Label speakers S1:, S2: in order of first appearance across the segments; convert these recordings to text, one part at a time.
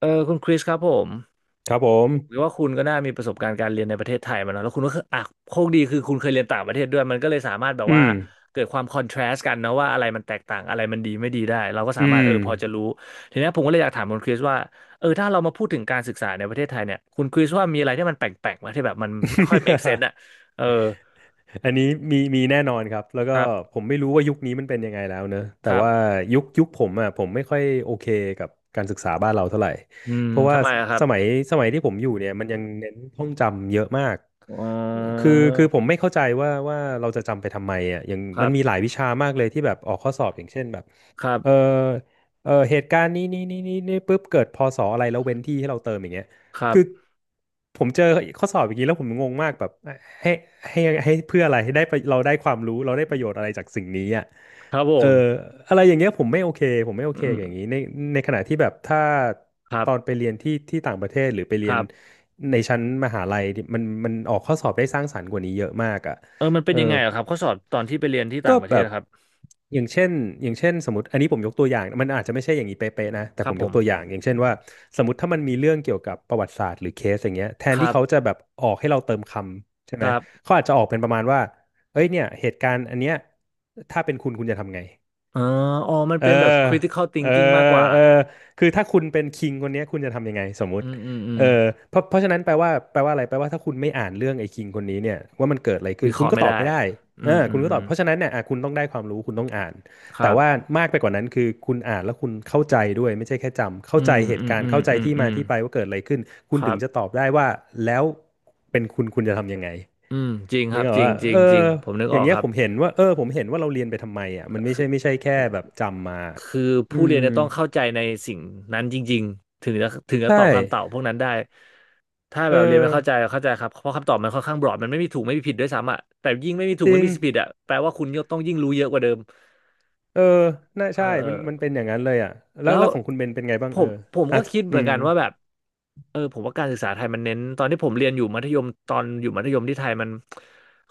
S1: คุณคริสครับผม
S2: ครับผ
S1: หรือ
S2: ม
S1: ว่าคุณก็น่ามีประสบการณ์การเรียนในประเทศไทยมาเนอะแล้วคุณก็คืออ่ะโชคดีคือคุณเคยเรียนต่างประเทศด้วยมันก็เลยสามารถแบบ
S2: อื
S1: ว่า
S2: ม
S1: เกิดความคอนทราสต์กันเนอะว่าอะไรมันแตกต่างอะไรมันดีไม่ดีได้เราก็สา
S2: อื
S1: มารถ
S2: ม
S1: พอจะรู้ทีเนี้ยผมก็เลยอยากถามคุณคริสว่าถ้าเรามาพูดถึงการศึกษาในประเทศไทยเนี่ยคุณคริสว่ามีอะไรที่มันแปลกๆไหมที่แบบมันไม่ค่อย make sense อ่ะ เออ
S2: อันนี้มีแน่นอนครับแล้ว
S1: ค
S2: ก็
S1: รับ
S2: ผมไม่รู้ว่ายุคนี้มันเป็นยังไงแล้วเนอะ
S1: ค
S2: แต่
S1: รั
S2: ว่า
S1: บ
S2: ยุคผมอ่ะผมไม่ค่อยโอเคกับการศึกษาบ้านเราเท่าไหร่
S1: อืม
S2: เพราะว่า
S1: ทำไมอะครับ
S2: สมัยสมัยที่ผมอยู่เนี่ยมันยังเน้นท่องจำเยอะมาก
S1: อ๋อ
S2: คือผมไม่เข้าใจว่าเราจะจำไปทำไมอ่ะอย่าง
S1: ครั
S2: มัน
S1: บ
S2: มีหลายวิชามากเลยที่แบบออกข้อสอบอย่างเช่นแบบ
S1: ครั
S2: เออ
S1: บ
S2: เออเหตุการณ์นี้นี่ปุ๊บเกิดพศอะไรแล้วเว้นที่ให้เราเติมอย่างเงี้ย
S1: ครั
S2: คือ
S1: บ
S2: ผมเจอข้อสอบอย่างนี้แล้วผมงงมากแบบให้ให้ให้เพื่ออะไรให้ได้ประเราได้ความรู้เราได้ประโยชน์อะไรจากสิ่งนี้อ่ะ
S1: ครับผ
S2: เออ
S1: ม
S2: อะไรอย่างเงี้ยผมไม่โอเคผมไม่โอ
S1: อื
S2: เคกับอย่าง
S1: ม
S2: นี้ในในขณะที่แบบถ้า
S1: ครั
S2: ตอนไป
S1: บ
S2: เรียนที่ต่างประเทศหรือไปเรี
S1: ค
S2: ยน
S1: รับ
S2: ในชั้นมหาลัยมันออกข้อสอบได้สร้างสรรค์กว่านี้เยอะมากอ่ะ
S1: เออมันเป็
S2: เอ
S1: น
S2: อ
S1: ยังไงเหรอะครับ เขาสอนตอนที่ไปเรียนที่
S2: ก็
S1: ต่างประเท
S2: แบ
S1: ศ
S2: บ
S1: อะครับ
S2: อย่างเช่นอย่างเช่นสมมติอันนี้ผมยกตัวอย่างมันอาจจะไม่ใช่อย่างนี้เป๊ะๆนะแต่
S1: ค
S2: ผ
S1: รับ
S2: ม
S1: ผ
S2: ยก
S1: ม
S2: ตัวอย่างอย่างเช่นว่าสมมติถ้ามันมีเรื่องเกี่ยวกับประวัติศาสตร์หรือเคสอย่างเงี้ยแท
S1: ค
S2: น
S1: รั
S2: ที่
S1: บ
S2: เขาจะแบบออกให้เราเติมคำใช่
S1: ค
S2: ไหม
S1: รับ
S2: เขาอาจจะออกเป็นประมาณว่าเอ้ยเนี่ยเหตุการณ์อันเนี้ยถ้าเป็นคุณคุณจะทำไง
S1: อ๋ออ๋อมัน
S2: เออ
S1: เป็นแบบ critical
S2: เออ
S1: thinking มากกว่า
S2: เออคือถ้าคุณเป็นคิงคนเนี้ยคุณจะทำยังไงสมมุ
S1: อื
S2: ติ
S1: มอืมอื
S2: เอ
S1: ม
S2: อเพราะฉะนั้นแปลว่าอะไรแปลว่าถ้าคุณไม่อ่านเรื่องไอ้คิงคนนี้เนี่ยว่ามันเกิดอะไรขึ้
S1: วิ
S2: น
S1: เค
S2: คุณ
S1: ราะห์
S2: ก็
S1: ไม่
S2: ตอบ
S1: ได้
S2: ไม่ได้เอ
S1: อื
S2: อ
S1: มอื
S2: คุ
S1: ม
S2: ณก็
S1: อื
S2: ตอบ
S1: ม
S2: เพราะฉะนั้นเนี่ยอ่ะคุณต้องได้ความรู้คุณต้องอ่าน
S1: ค
S2: แต่
S1: รับ
S2: ว่ามากไปกว่านั้นคือคุณอ่านแล้วคุณเข้าใจด้วยไม่ใช่แค่จำเข้า
S1: อื
S2: ใจ
S1: ม
S2: เห
S1: อื
S2: ตุ
S1: ม
S2: การ
S1: อื
S2: ณ์
S1: ม
S2: เข้าใจ
S1: อืม
S2: ที่
S1: อื
S2: มา
S1: ม
S2: ที่ไปว่าเกิดอะไรขึ้นคุ
S1: ค
S2: ณ
S1: รั
S2: ถึง
S1: บ
S2: จะตอบได้ว่าแล้วเป็นคุณคุณจะทำยังไง
S1: อืมจริงค
S2: นึ
S1: รั
S2: ก
S1: บ
S2: ออ
S1: จ
S2: ก
S1: ริง
S2: ว่า
S1: จริง
S2: เอ
S1: จริ
S2: อ
S1: งผมนึก
S2: อ
S1: อ
S2: ย่า
S1: อ
S2: ง
S1: ก
S2: เงี้
S1: ค
S2: ย
S1: รั
S2: ผ
S1: บ
S2: มเห็นว่าเราเรียนไปทำไมอ่ะมันไม่ใช่แค่แบบจำมา
S1: คือผู้
S2: อื
S1: เรียน
S2: ม
S1: จะต้องเข้าใจในสิ่งนั้นจริงๆถึงจะ
S2: ใช่
S1: ตอบคำตอบพวกนั้นได้ถ้า
S2: เออ
S1: แบบเรียนไม่เข้าใจเข้าใจครับเพราะคำตอบมันค่อนข้างบรอดมันไม่มีถูกไม่มีผิดด้วยซ้ำอ่ะแต่ยิ่งไม่มีถู
S2: จ
S1: กไม่
S2: ริง
S1: มีผิดอ่ะแปลว่าคุณก็ต้องยิ่งรู้เยอะกว่าเดิม
S2: เออน่า
S1: เอ
S2: ใช่มัน
S1: อ
S2: มันเป็นอย่างนั้นเลยอ่ะแล้ว
S1: แล้ว
S2: แล้วของคุณเบนเป็นไงบ้า
S1: ผ
S2: งเออ
S1: มผม
S2: อ่ะ
S1: ก็คิดเห
S2: อื
S1: มือน
S2: ม
S1: กันว่าแบบผมว่าการศึกษาไทยมันเน้นตอนที่ผมเรียนอยู่มัธยมตอนอยู่มัธยมที่ไทยมัน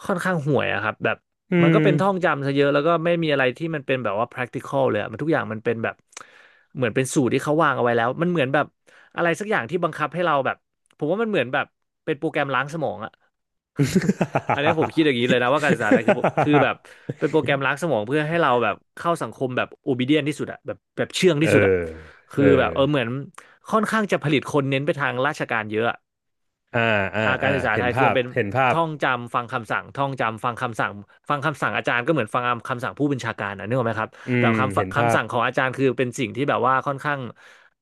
S1: ค่อนข้างห่วยอะครับแบบ
S2: อื
S1: มันก็
S2: ม
S1: เป็นท่องจำซะเยอะแล้วก็ไม่มีอะไรที่มันเป็นแบบว่า practical เลยอะมันทุกอย่างมันเป็นแบบเหมือนเป็นสูตรที่เขาวางเอาไว้แล้วมันเหมือนแบบอะไรสักอย่างที่บังคับให้เราแบบผมว่ามันเหมือนแบบเป็นโปรแกรมล้างสมองอะ อันนี้ผมคิดอย่างนี้เลยนะว่าการศึกษาไทยคือคือแบบ เป็นโปรแกรมล้างสมองเพื่อให้เราแบบเข้าสังคมแบบ obedient ที่สุดอะแบบเชื่อง
S2: เอ
S1: ที่สุดอะ
S2: อ
S1: คือ
S2: เอ
S1: แบ
S2: อ
S1: บเออเหมือนค่อนข้างจะผลิตคนเน้นไปทางราชการเยอะอะ
S2: อ่าอ่า
S1: อ่าการ
S2: อ่า
S1: ศึกษา
S2: เห็
S1: ไท
S2: น
S1: ยคือ
S2: ภา
S1: มัน
S2: พ
S1: เป็น
S2: เห็นภาพ
S1: ท่องจำฟังคำสั่งท่องจำฟังคำสั่งฟังคำสั่งอาจารย์ก็เหมือนฟังคำสั่งผู้บัญชาการนะนึกออกไหมครับ
S2: อื
S1: แบ
S2: ม
S1: บ
S2: เห็น
S1: คำ
S2: ภา
S1: คำ
S2: พ
S1: สั่งของอาจารย์คือเป็นสิ่งที่แบบว่าค่อนข้าง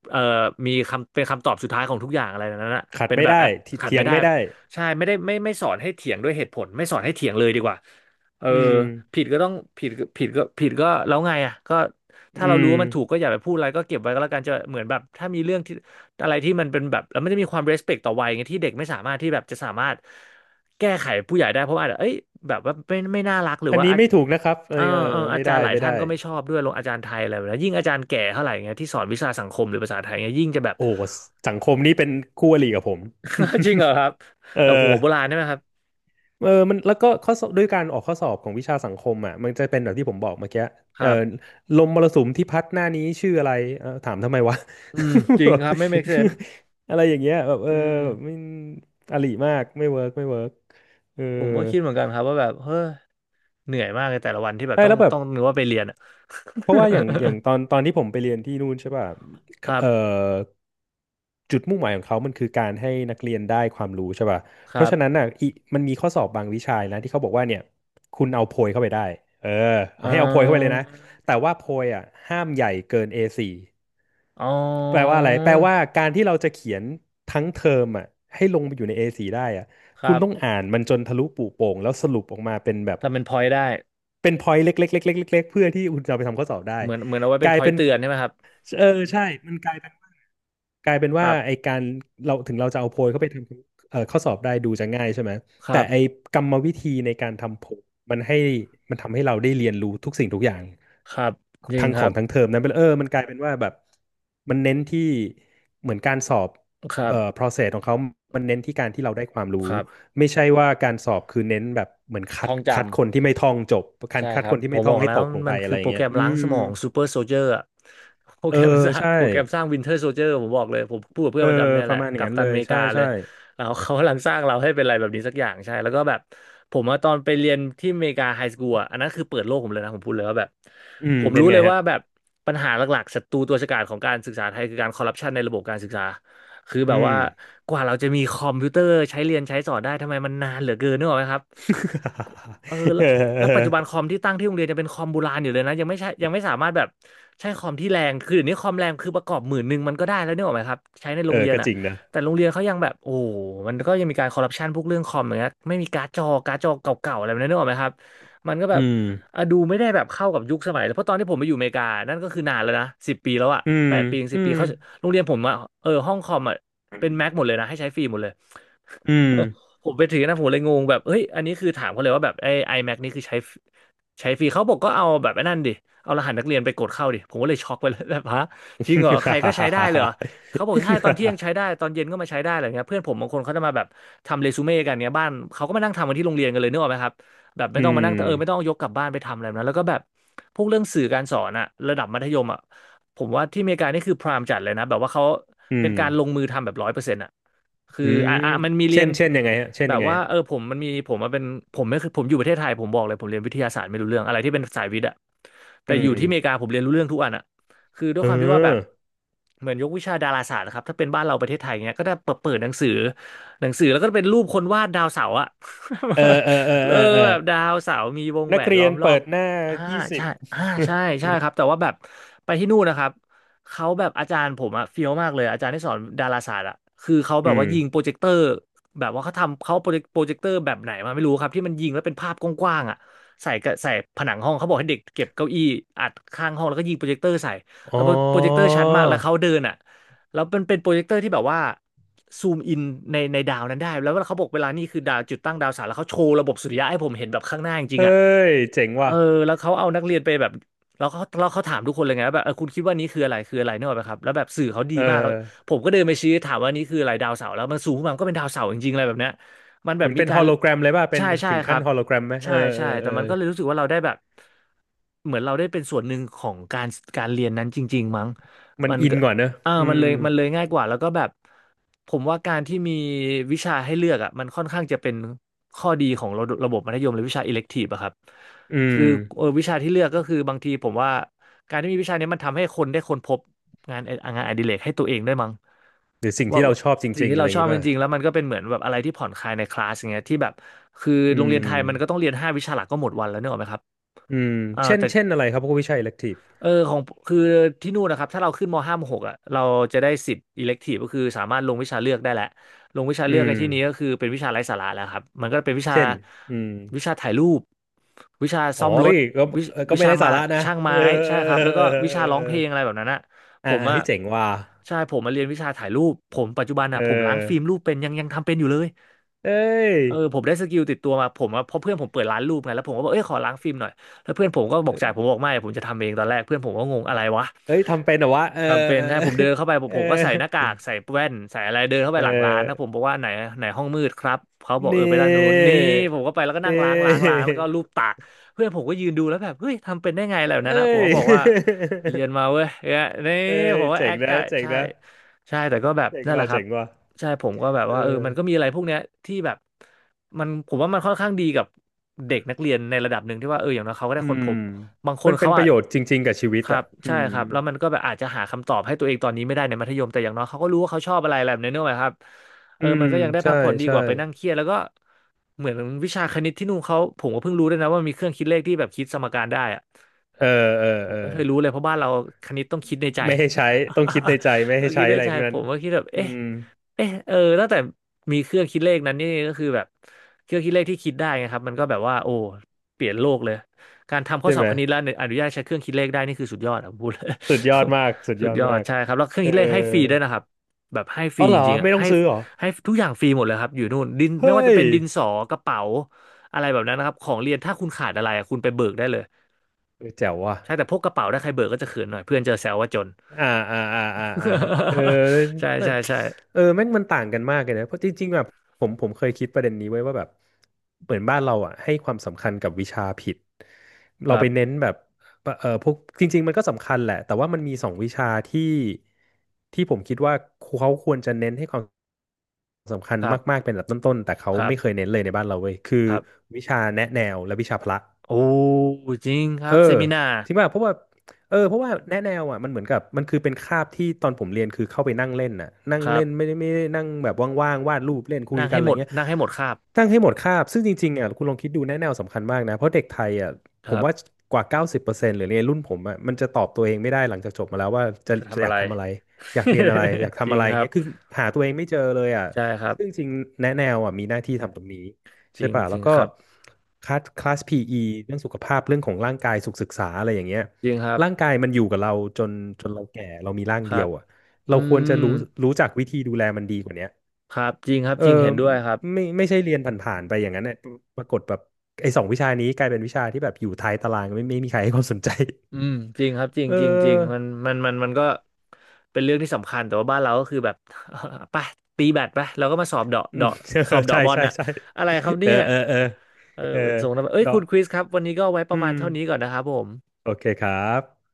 S1: เอ่อมีคำเป็นคำตอบสุดท้ายของทุกอย่างอะไรแบบนั้นนะ
S2: ขัด
S1: เป็น
S2: ไม่
S1: แบบแอ
S2: ได้
S1: ป
S2: ทิ
S1: ขัด
S2: เถีย
S1: ไม่
S2: ง
S1: ได้
S2: ไม่ได้
S1: ใช่ไม่ได้ไม่สอนให้เถียงด้วยเหตุผลไม่สอนให้เถียงเลยดีกว่าเออ
S2: อืม
S1: ผิดก็ต้องผิดผิดก็ผิดก็แล้วไงอ่ะก็ถ้า
S2: อื
S1: เรารู้
S2: ม
S1: ว่ามันถูกก็อย่าไปพูดอะไรก็เก็บไว้ก็แล้วกันจะเหมือนแบบถ้ามีเรื่องที่ อะไรที่มันเป็นแบบแล้วมันจะมีความ respect ต่อวัยไงที่เด็กไม่สามารถที่แบบจะสามารถแก้ไขผู้ใหญ่ได้เพราะว่าอาจจะเอ้ยแบบว่าไม่น่ารักหรือ
S2: อัน
S1: ว่า
S2: นี้
S1: อาจ
S2: ไม่ถูกนะครับเออ
S1: เออ
S2: เออ
S1: เอออา
S2: ไม่
S1: จา
S2: ได้
S1: รย์หลาย
S2: ไม่ได้
S1: ท่านก็ไม่ชอบด้วยลงอาจารย์ไทยอะไรแบบนี้ยิ่งอาจารย์แก่เท่าไหร่เงี้ยที่สอนวิชาสังคมหรือภาษาไทยเงี้ยยิ่งจะแบบ
S2: โอ้สังคมนี้เป็นคู่อริกับผม
S1: จริงเหรอครับ แบบหั
S2: เออ
S1: วโบราณใช่ไหมครับ
S2: เออมันแล้วก็ข้อสอบด้วยการออกข้อสอบของวิชาสังคมอ่ะมันจะเป็นแบบที่ผมบอกเมื่อกี้
S1: ค
S2: เออ
S1: รับ
S2: ลมมรสุมที่พัดหน้านี้ชื่ออะไรเออถามทำไมวะ
S1: อืมจริงครับไม่ make sense
S2: อะไรอย่างเงี้ยแบบเอ
S1: อื
S2: อ
S1: ม
S2: แบบไม่อริมากไม่เวิร์กเออ
S1: ผมก็คิดเหมือนกันครับว่าแบบเฮ้ยเหนื่อยมากเลยแต่ละวันที่แบบ
S2: ใช่
S1: ต้อง
S2: แล้วแบบ
S1: ต้องนึกว่าไปเรียนอะ
S2: เพราะว่าอย่างอย่างตอนที่ผมไปเรียนที่นู่นใช่ป่ะ
S1: ครับ
S2: เอ่อจุดมุ่งหมายของเขามันคือการให้นักเรียนได้ความรู้ใช่ป่ะ
S1: ค
S2: เพ
S1: รั
S2: ราะ
S1: บ
S2: ฉะนั้นน่ะอีมันมีข้อสอบบางวิชานะที่เขาบอกว่าเนี่ยคุณเอาโพยเข้าไปได้เออ
S1: เอ่
S2: ให้เอาโพยเข้าไปเลยนะ
S1: อ
S2: แต่ว่าโพยอ่ะห้ามใหญ่เกิน A4
S1: อ๋อ
S2: แปลว่าอะไรแปลว่าการที่เราจะเขียนทั้งเทอมอ่ะให้ลงไปอยู่ใน A4 ได้อ่ะ
S1: ค
S2: คุ
S1: รั
S2: ณ
S1: บ
S2: ต้องอ่านมันจนทะลุปุโปร่งแล้วสรุปออกมาเป็นแบบ
S1: ทำเป็นพอยต์ได้
S2: เป็นพอยต์เล็กๆๆๆๆเพื่อที่คุณจะเอาไปทำข้อสอบได้
S1: เหมือนเหมือนเอาไว้
S2: ก
S1: เป็น
S2: ลา
S1: พ
S2: ย
S1: อย
S2: เป็
S1: ต์
S2: น
S1: เตือนใช่ไหมครับ
S2: เออใช่มันกลายเป็น
S1: ค
S2: ว่า
S1: รั
S2: ไอ
S1: บ
S2: การเราถึงเราจะเอาโพยเข้าไปทำเอ่อข้อสอบได้ดูจะง่ายใช่ไหม
S1: ค
S2: แต่
S1: รับ
S2: ไอกรรมวิธีในการทำโพยมันให้มันทำให้เราได้เรียนรู้ทุกสิ่งทุกอย่าง
S1: ครับ จริง
S2: ทั้ง
S1: ค
S2: ขอ
S1: รับ
S2: งทั้งเทอมนั้นเป็นเออมันกลายเป็นว่าแบบมันเน้นที่เหมือนการสอบ
S1: ครั
S2: เอ่อ
S1: บ
S2: process ของเขามันเน้นที่การที่เราได้ความรู้
S1: ครับ
S2: ไม่ใช่ว่าการสอบคือเน้นแบบเหมือนคั
S1: ท่
S2: ด
S1: องจำ
S2: คัดคนที่ไม่ท่องจบการ
S1: ใช่
S2: คัด
S1: ครั
S2: ค
S1: บ
S2: นที่
S1: ผ
S2: ไม่
S1: ม
S2: ท่
S1: บ
S2: อ
S1: อ
S2: ง
S1: ก
S2: ให้
S1: แล้
S2: ต
S1: ว
S2: กลง
S1: มั
S2: ไป
S1: น
S2: อะ
S1: คื
S2: ไร
S1: อ
S2: อ
S1: โป
S2: ย่า
S1: ร
S2: ง
S1: แก
S2: เงี้
S1: ร
S2: ย
S1: ม
S2: อื
S1: ล้าง
S2: ม
S1: สมองซูเปอร์โซเจอร์อะ โปร
S2: เอ
S1: แก
S2: อ
S1: รมสร้าง
S2: ใช่
S1: โปรแกรมสร้างวินเทอร์โซเจอร์ผมบอกเลยผมพูดกับเพื่
S2: เอ
S1: อน
S2: อ
S1: ประจำเนี่ย
S2: ป
S1: แห
S2: ระ
S1: ละ
S2: มาณอย่าง
S1: กัป
S2: นั้น
S1: ตั
S2: เล
S1: นอ
S2: ย
S1: เมริ
S2: ใช่
S1: กาเล
S2: ใช่
S1: ยเรา เขากำลังสร้างเราให้เป็นอะไรแบบนี้สักอย่างใช่แล้วก็แบบผมอะตอนไปเรียนที่อเมริกาไฮสคูลอะอันนั้นคือเปิดโลกผมเลยนะผมพูดเลยว่าแบบ
S2: อืม
S1: ผม
S2: เป็น
S1: รู้
S2: ไง
S1: เลย
S2: ฮะ
S1: ว่าแบบปัญหาหลักๆศัตรูตัวฉกาจของการศึกษาไทยคือการคอร์รัปชันในระบบการศึกษาคือ
S2: อื
S1: แบบ
S2: ม
S1: ว่ากว่าเราจะมีคอมพิวเตอร์ใช้เรียนใช้สอนได้ทำไมมันนานเหลือเกินนึกออกไหมครับ เออ แล้
S2: เอ
S1: ว
S2: อเอ
S1: แล้ว
S2: อ
S1: ปัจจุบันคอมที่ตั้งที่โรงเรียนจะเป็นคอมโบราณอยู่เลยนะยังไม่ใช่ยังไม่สามารถแบบใช้คอมที่แรงคือเดี๋ยวนี้คอมแรงคือประกอบ10,000มันก็ได้แล้วนึกออกไหมครับใช้ในโร
S2: เอ
S1: ง
S2: อ
S1: เรียน
S2: ก็
S1: อ่ะ
S2: จริงนะ
S1: แต่โรงเรียนเขายังแบบโอ้โหมันก็ยังมีการคอร์รัปชันพวกเรื่องคอมอย่างเงี้ยไม่มีการ์ดจอการ์ดจอเก่าๆอะไรแบบนั้นนึกออกไหมครับมันก็แบ
S2: อื
S1: บ
S2: ม
S1: อ่ะดูไม่ได้แบบเข้ากับยุคสมัยแล้วเพราะตอนที่ผมไปอยู่อเมริกานั่นก็คือนานแล้วนะสิบปีแล้วอ่ะ
S2: อืม
S1: แปดปีถึง
S2: อื
S1: สิบปี
S2: ม
S1: เขาโรงเรียนผมอ่ะห้องคอมอ่ะเป็นแม็กหมดเลยนะให้ใช้ฟรีหมดเลย
S2: อืม
S1: ผมไปถือนะผมเลยงงแบบเฮ้ยอันนี้คือถามเขาเลยว่าแบบไอ้ iMac นี่คือใช้ฟรีเขาบอกก็เอาแบบไอ้นั่นดิเอารหัสนักเรียนไปกดเข้าดิผมก็เลยช็อกไปเลย แบบฮะจริงเหรอใครก็ใช้ได้เลยเหรอเขาบอกใช่ตอนเที่ยงใช้ได้ตอนเย็นก็มาใช้ได้อะไรเงี้ยเพื่อนผมบางคนเขาจะมาแบบทำเรซูเม่กันเนี้ยบ้านเขาก็มานั่งทำกันที่โรงเรียนกันเลยนึกออกไหมครับแบบไม่
S2: อื
S1: ต้องมานั่งไม่ต้อง
S2: ม
S1: ยกกลับบ้านไปทำอะไรแบบนั้นแล้วก็แบบพวกเรื่องสื่อการสอนอะระดับมัธยมอะผมว่าที่อเมริกานี่คือพรามจัดเลยนะแบบว่าเขา
S2: อื
S1: เป็น
S2: ม
S1: การลงมือทำแบบ100% คือ
S2: อืม
S1: อ่ะอ่ะมันมีเรียน
S2: เช่น
S1: แบ
S2: ยั
S1: บ
S2: งไง
S1: ว่า
S2: ฮะ
S1: ผมมันมีผมมาเป็นผมไม่คือผมอยู่ประเทศไทยผมบอกเลยผมเรียนวิทยาศาสตร์ไม่รู้เรื่องอะไรที่เป็นสายวิทย์อะแต่
S2: อื
S1: อยู่
S2: ม
S1: ที่อเมริกาผมเรียนรู้เรื่องทุกอันอะคือด้ว
S2: เ
S1: ยความที่ว่าแบบ
S2: ออ
S1: เหมือนยกวิชาดาราศาสตร์นะครับถ้าเป็นบ้านเราประเทศไทยเนี้ยก็จะเปิดเปิดหนังสือหนังสือแล้วก็เป็นรูปคนวาดดาวเสาร์อะ
S2: เออเออ เออ
S1: เอ
S2: เอ
S1: อ
S2: อเออ
S1: แบบดาวเสาร์มีวงแห
S2: นั
S1: ว
S2: ก
S1: น
S2: เรี
S1: ล้
S2: ย
S1: อ
S2: น
S1: มรอ
S2: เปิ
S1: บ
S2: ดหน้า
S1: อ่า
S2: ยี่สิ
S1: ใช่
S2: บ
S1: อ่าใช่ใช่ครับแต่ว่าแบบไปที่นู่นนะครับ เขาแบบอาจารย์ผมอะเฟี้ยวมากเลยอาจารย์ที่สอนดาราศาสตร์อะคือเขา
S2: อื
S1: แบบว่า
S2: ม
S1: ยิงโปรเจคเตอร์แบบว่าเขาทำเขาโปรเจคเตอร์แบบไหนมาไม่รู้ครับที่มันยิงแล้วเป็นภาพกว้างๆอะใส่กะใส่ผนังห้องเขาบอกให้เด็กเก็บเก้าอี้อัดข้างห้องแล้วก็ยิงโปรเจคเตอร์ใส่
S2: อ๋
S1: แล้
S2: อ
S1: วโปรเจคเตอร์ชัดมากแล้วเขาเดินอะแล้วมันเป็นโปรเจคเตอร์ที่แบบว่าซูมอินในดาวนั้นได้แล้วเขาบอกเวลานี่คือดาวจุดตั้งดาวเสาร์แล้วเขาโชว์ระบบสุริยะให้ผมเห็นแบบข้างหน้าจริง
S2: เฮ้
S1: ๆอะ
S2: ย เจ๋ง
S1: เอ
S2: ว่ะ
S1: อแล้วเขาเอานักเรียนไปแบบ แล้วเขาถามทุกคนเลยไงว่าแบบคุณคิดว่านี้คืออะไรคืออะไรนึกออกไหมครับแล้วแบบสื่อเขาดี
S2: เอ
S1: มาก
S2: อ
S1: ผมก็เดินไปชี้ถามว่านี่คืออะไรดาวเสาร์แล้วมันสูงขึ้นมามันก็เป็นดาวเสาร์จริงๆอะไรแบบเนี้ยมันแบ
S2: เห
S1: บ
S2: มือน
S1: มี
S2: เป็น
S1: กา
S2: ฮอ
S1: ร
S2: ลโลแกรมเลยป่ะเป็น
S1: ใช่ใช่
S2: ถึง
S1: ค
S2: ขั้
S1: รั
S2: น
S1: บ
S2: ฮอลโลแกรมไหมเอ
S1: ใช่
S2: อเอ
S1: ใช่
S2: อ
S1: แต่
S2: เออ
S1: มันก็เลยรู้สึกว่าเราได้แบบเหมือนเราได้เป็นส่วนหนึ่งของการเรียนนั้นจริงๆมั้ง
S2: มัน
S1: มัน
S2: อิน
S1: ก็
S2: ก่อนเนอะอื
S1: มัน
S2: ม
S1: เลยมันเลยง่ายกว่าแล้วก็แบบผมว่าการที่มีวิชาให้เลือกอ่ะมันค่อนข้างจะเป็นข้อดีของระบบมัธยมหรือวิชาอิเล็กทีฟอะครับ
S2: อืม
S1: คือวิชาที่เลือกก็คือบางทีผมว่าการที่มีวิชานี้มันทำให้คนได้ค้นพบงานงานอดิเรกให้ตัวเองด้วยมั้ง
S2: หรือสิ่ง
S1: ว่า
S2: ที่เรา
S1: ว่า
S2: ชอบจ
S1: สิ่ง
S2: ริงๆ
S1: ที่
S2: อะไร
S1: เรา
S2: อ
S1: ช
S2: ย่าง
S1: อบ
S2: นี้
S1: จ
S2: ป่ะ
S1: ริงๆแล้วมันก็เป็นเหมือนแบบอะไรที่ผ่อนคลายในคลาสอย่างเงี้ยที่แบบคือ
S2: อื
S1: โรงเรียน
S2: ม
S1: ไทยมันก็ต้องเรียน5 วิชาหลักก็หมดวันแล้วเนกอะไหมครับ
S2: อืมเช่น
S1: แต่
S2: เช่นอะไรครับพวกวิชาอิเล็กทีฟ
S1: ของคือที่นู่นนะครับถ้าเราขึ้นมห้าามหกอ่ะเราจะได้สิทธิ์อิเล็กทีฟก็คือสามารถลงวิชาเลือกได้แหละลงวิชา
S2: อื
S1: เลือกใน
S2: ม
S1: ที่นี้ก็คือเป็นวิชาไร้สาระแล้วครับมันก็เป็นวิชา
S2: เช่นอืม
S1: วิชาถ่ายรูปวิชา
S2: อ๋อ
S1: ซ่อมร
S2: เอ้
S1: ถ
S2: ยก็
S1: วิ
S2: เออก็
S1: วิ
S2: ไม่
S1: ชา
S2: ไร้
S1: มา
S2: สาระนะ
S1: ช่าง
S2: เอ
S1: ไม้
S2: อเอ
S1: ใช่
S2: อ
S1: ครับแล้ว
S2: เอ
S1: ก็
S2: อเอ
S1: วิชา
S2: อ
S1: ร้อ
S2: เอ
S1: ง
S2: อ
S1: เพลงอะไรแบบนั้นอ่ะผ
S2: อ่า
S1: มอ่ะ
S2: เฮ้ยเจ๋งว่ะ
S1: ใช่ผมมาเรียนวิชาถ่ายรูปผมปัจจุบัน
S2: เอ
S1: อ่ะผมล้าง
S2: อ
S1: ฟิล์มรูปเป็นยังทำเป็นอยู่เลย
S2: เอ้ย
S1: เออผมได้สกิลติดตัวมาผมอะเพราะเพื่อนผมเปิดร้านรูปไงแล้วผมก็บอกเอ้ยขอล้างฟิล์มหน่อยแล้วเพื่อนผมก็บอกจ่ายผมบอกไม่ผมจะทำเองตอนแรกเพื่อนผมก็งงอะไรวะ
S2: เอ้ยทำเป็นเหรอวะเออ
S1: ทำเป็น
S2: เออ
S1: ใช่ผมเดินเข้าไปผม
S2: เอ
S1: ผมก็ใส่หน้ากา
S2: อ
S1: กใส่แว่นใส่อะไรเดินเข้าไป
S2: เอ
S1: หลังร้านนะผม
S2: อ
S1: บอกว่าไหนไหนห้องมืดครับเขาบอก
S2: นี่
S1: เออไปด้านนู้นนี่ผมก็ไปแล้วก็
S2: เอ
S1: นั่งล้างแล้วก็ลูบ
S2: อ
S1: ตากเพื่อนผมก็ยืนดูแล้วแบบเฮ้ยทำเป็นได้ไงอะไรแบบนั้
S2: เอ้
S1: นนะผม
S2: ย
S1: ก็บอกว่าเรียนมาเว้ยเนี่ยนี่
S2: เอ้
S1: ผ
S2: ย
S1: มว่า
S2: เจ๋
S1: แอ
S2: ง
S1: ค
S2: นะ
S1: จ่าย
S2: เจ๋ง
S1: ใช่
S2: นะ
S1: ใช่แต่ก็แบบ
S2: เจ๋ง
S1: นั่นแห
S2: ว่ะ
S1: ละครับ
S2: เจ๋งว่ะ
S1: ใช่ผมก็แบบ
S2: เอ
S1: ว่าเออ
S2: อ
S1: มันก็มีอะไรพวกเนี้ยที่แบบมันผมว่ามันค่อนข้างดีกับเด็กนักเรียนในระดับหนึ่งที่ว่าเอออย่างน้อยเขาก็ได้
S2: อื
S1: ค้น
S2: ม
S1: พบ บางคน
S2: มันเป็
S1: เขา
S2: นประ
S1: อะ
S2: โยชน์จริงๆกับชีวิต
S1: ครั
S2: อ่ะ
S1: บ
S2: อื
S1: ใช่
S2: ม
S1: ครับแล้วมันก็แบบอาจจะหาคำตอบให้ตัวเองตอนนี้ไม่ได้ในมัธยมแต่อย่างน้อยเขาก็รู้ว่าเขาชอบอะไรอะไรแบบนี้นึกออกไหมครับเอ
S2: อื
S1: อมั
S2: ม
S1: นก็ยังได้พั
S2: ใช่
S1: กผ่อนดี
S2: ใช่
S1: กว่าไปนั่งเครียดแล้วก็เหมือนวิชาคณิตที่นู่นเขาผมก็เพิ่งรู้ด้วยนะว่ามีเครื่องคิดเลขที่แบบคิดสมการได้อะ
S2: เออเออ
S1: ผม
S2: เออ
S1: ไม่เคยรู้เลยเพราะบ้านเราคณิตต้องคิดในใจ
S2: ไม่ให้ใช้ต้องคิดในใจ ไม่
S1: เออ
S2: ให้
S1: คิ
S2: ใช้
S1: ดใน
S2: อะไร
S1: ใจ
S2: ทั้ง
S1: ผ
S2: นั้น
S1: มก็คิดแบบ
S2: อื
S1: เอ๊ะ
S2: ม
S1: เอะเออตั้งแต่มีเครื่องคิดเลขนั้นนี่ก็คือแบบเครื่องคิดเลขที่คิดได้ไงครับมันก็แบบว่าโอ้เปลี่ยนโลกเลยการทำข้อ
S2: ใช่
S1: สอ
S2: ไหม
S1: บคณิตแล้วอนุญาตใช้เครื่องคิดเลขได้นี่คือสุดยอดอะผมพูดเลย
S2: สุดยอดมากสุด
S1: สุ
S2: ย
S1: ด
S2: อด
S1: ยอด
S2: มาก
S1: ใช่ครับแล้วเครื่อง
S2: เออ
S1: คิดเลขให้ฟรีด้วยนะครับแบบให้ฟ
S2: อ๋
S1: รี
S2: อเหร
S1: จ
S2: อ
S1: ริงๆอะ
S2: ไม่ต้อง
S1: ให้
S2: ซื้อเหรอ
S1: ให้ทุกอย่างฟรีหมดเลยครับอยู่นู่นดินไม่
S2: เฮ้
S1: ว่าจะ
S2: ย
S1: เป็นดินสอกระเป๋าอะไรแบบนั้นนะครับของเรียนถ้าคุณขาดอะไรอะคุณไปเบิกได้เลย
S2: เออแจ๋วว่ะ
S1: ใช่แต่พกกระเป๋าได้ใครเบิกก็จะเขินหน่อยเพื่อนเจอแซวว่าจน
S2: อ่าอ่าอ่าอ่าอ่าเออ
S1: ใช่
S2: แบ
S1: ใช่
S2: บ
S1: ใช่
S2: เออแม่งมันต่างกันมากเลยนะเพราะจริงๆแบบผมเคยคิดประเด็นนี้ไว้ว่าแบบเหมือนบ้านเราอ่ะให้ความสำคัญกับวิชาผิด
S1: ค
S2: เรา
S1: รั
S2: ไปเน้
S1: บ
S2: นแบบเออพวกจริงๆมันก็สำคัญแหละแต่ว่ามันมีสองวิชาที่ผมคิดว่าเขาควรจะเน้นให้ความสำคัญ
S1: ครั
S2: มา
S1: บ
S2: กๆเป็นลำดับต้นๆแต่เขา
S1: ครั
S2: ไม่เคย
S1: บ
S2: เน้นเลยในบ้านเราเว้ยคือ
S1: ครับ
S2: วิชาแนะแนวและวิชาพละ
S1: โอ้จริงค
S2: เอ
S1: รั
S2: อ
S1: บเซมินา
S2: ที่ว่าเพราะว่าเออเพราะว่าแนะแนวอ่ะมันเหมือนกับมันคือเป็นคาบที่ตอนผมเรียนคือเข้าไปนั่งเล่นน่ะนั่ง
S1: ครั
S2: เล่นไม่
S1: บ
S2: ได้ไม่ได้นั่งแบบว่างๆวาดรูปเล่นคุย
S1: นั่ง
S2: กัน
S1: ให้
S2: อะไร
S1: หมด
S2: เงี้ย
S1: นั่งให้หมดคาบ
S2: ตั้งให้หมดคาบซึ่งจริงๆอ่ะคุณลองคิดดูแนะแนวสำคัญมากนะเพราะเด็กไทยอ่ะ
S1: ค
S2: ผ
S1: รั
S2: มว่า
S1: บ
S2: กว่า90%หรือในรุ่นผมอ่ะมันจะตอบตัวเองไม่ได้หลังจากจบมาแล้วว่าจะ
S1: จะ
S2: จะ
S1: ทำ
S2: อ
S1: อะ
S2: ยาก
S1: ไร
S2: ทำอะไรอยากเรียนอะไรอยาก
S1: จ
S2: ทำ
S1: ริ
S2: อะ
S1: ง
S2: ไร
S1: ครับ
S2: เงี้ยคือหาตัวเองไม่เจอเลยอ่ะ
S1: ใช่ครับ
S2: ซึ่งจริงๆแนะแนวอ่ะมีหน้าที่ทำตรงนี้
S1: จ
S2: ใช่
S1: ริง
S2: ป่ะ
S1: จ
S2: แล้
S1: ริ
S2: ว
S1: ง
S2: ก็
S1: ครับ
S2: คลาส PE เรื่องสุขภาพเรื่องของร่างกายสุขศึกษาอะไรอย่างเงี้ย
S1: จริงครั
S2: ร่าง
S1: บ
S2: กายมันอยู่กับเราจนจนเราแก่เรามีร่าง
S1: ค
S2: เดี
S1: รั
S2: ย
S1: บ
S2: วอ่ะ
S1: อื
S2: เราควรจะ
S1: ม
S2: รู้รู้จักวิธีดูแลมันดีกว่าเนี้ย
S1: ครับจริงครับ
S2: เออ
S1: จริงเห็นด้วยครับ
S2: ไม่ใช่เรียนผ่านๆไปอย่างนั้นเนี่ยปรากฏแบบไอ้สองวิชานี้กลายเป็นวิชาที่แบบอยู่ท้ายตารางไม่มีใครให้ความสนใจ
S1: อืมจริงครับจริง
S2: เ
S1: จริงจริงมั
S2: ออ
S1: นมันมันมันก็เป็นเรื่องที่สำคัญแต่ว่าบ้านเราก็คือแบบ ไปตีแบดไปแล้วก็มาสอบเดาะ
S2: อืม
S1: เดาะ ส
S2: เอ
S1: อ
S2: อ
S1: บ
S2: ใช่
S1: เดาะบอล
S2: ใช่
S1: น่ะ
S2: ใช่
S1: อะไรครับ
S2: เอ
S1: เนี่
S2: อ
S1: ย
S2: เออเออ
S1: เออ
S2: เออ
S1: เป็นทรงนั้นเอ้ย
S2: เนาะ
S1: คุณคริสครับวันนี้ก็ไว้ป
S2: อื
S1: ระมาณ
S2: ม
S1: เท่านี้ก่อนนะครับผม
S2: โอเคครับ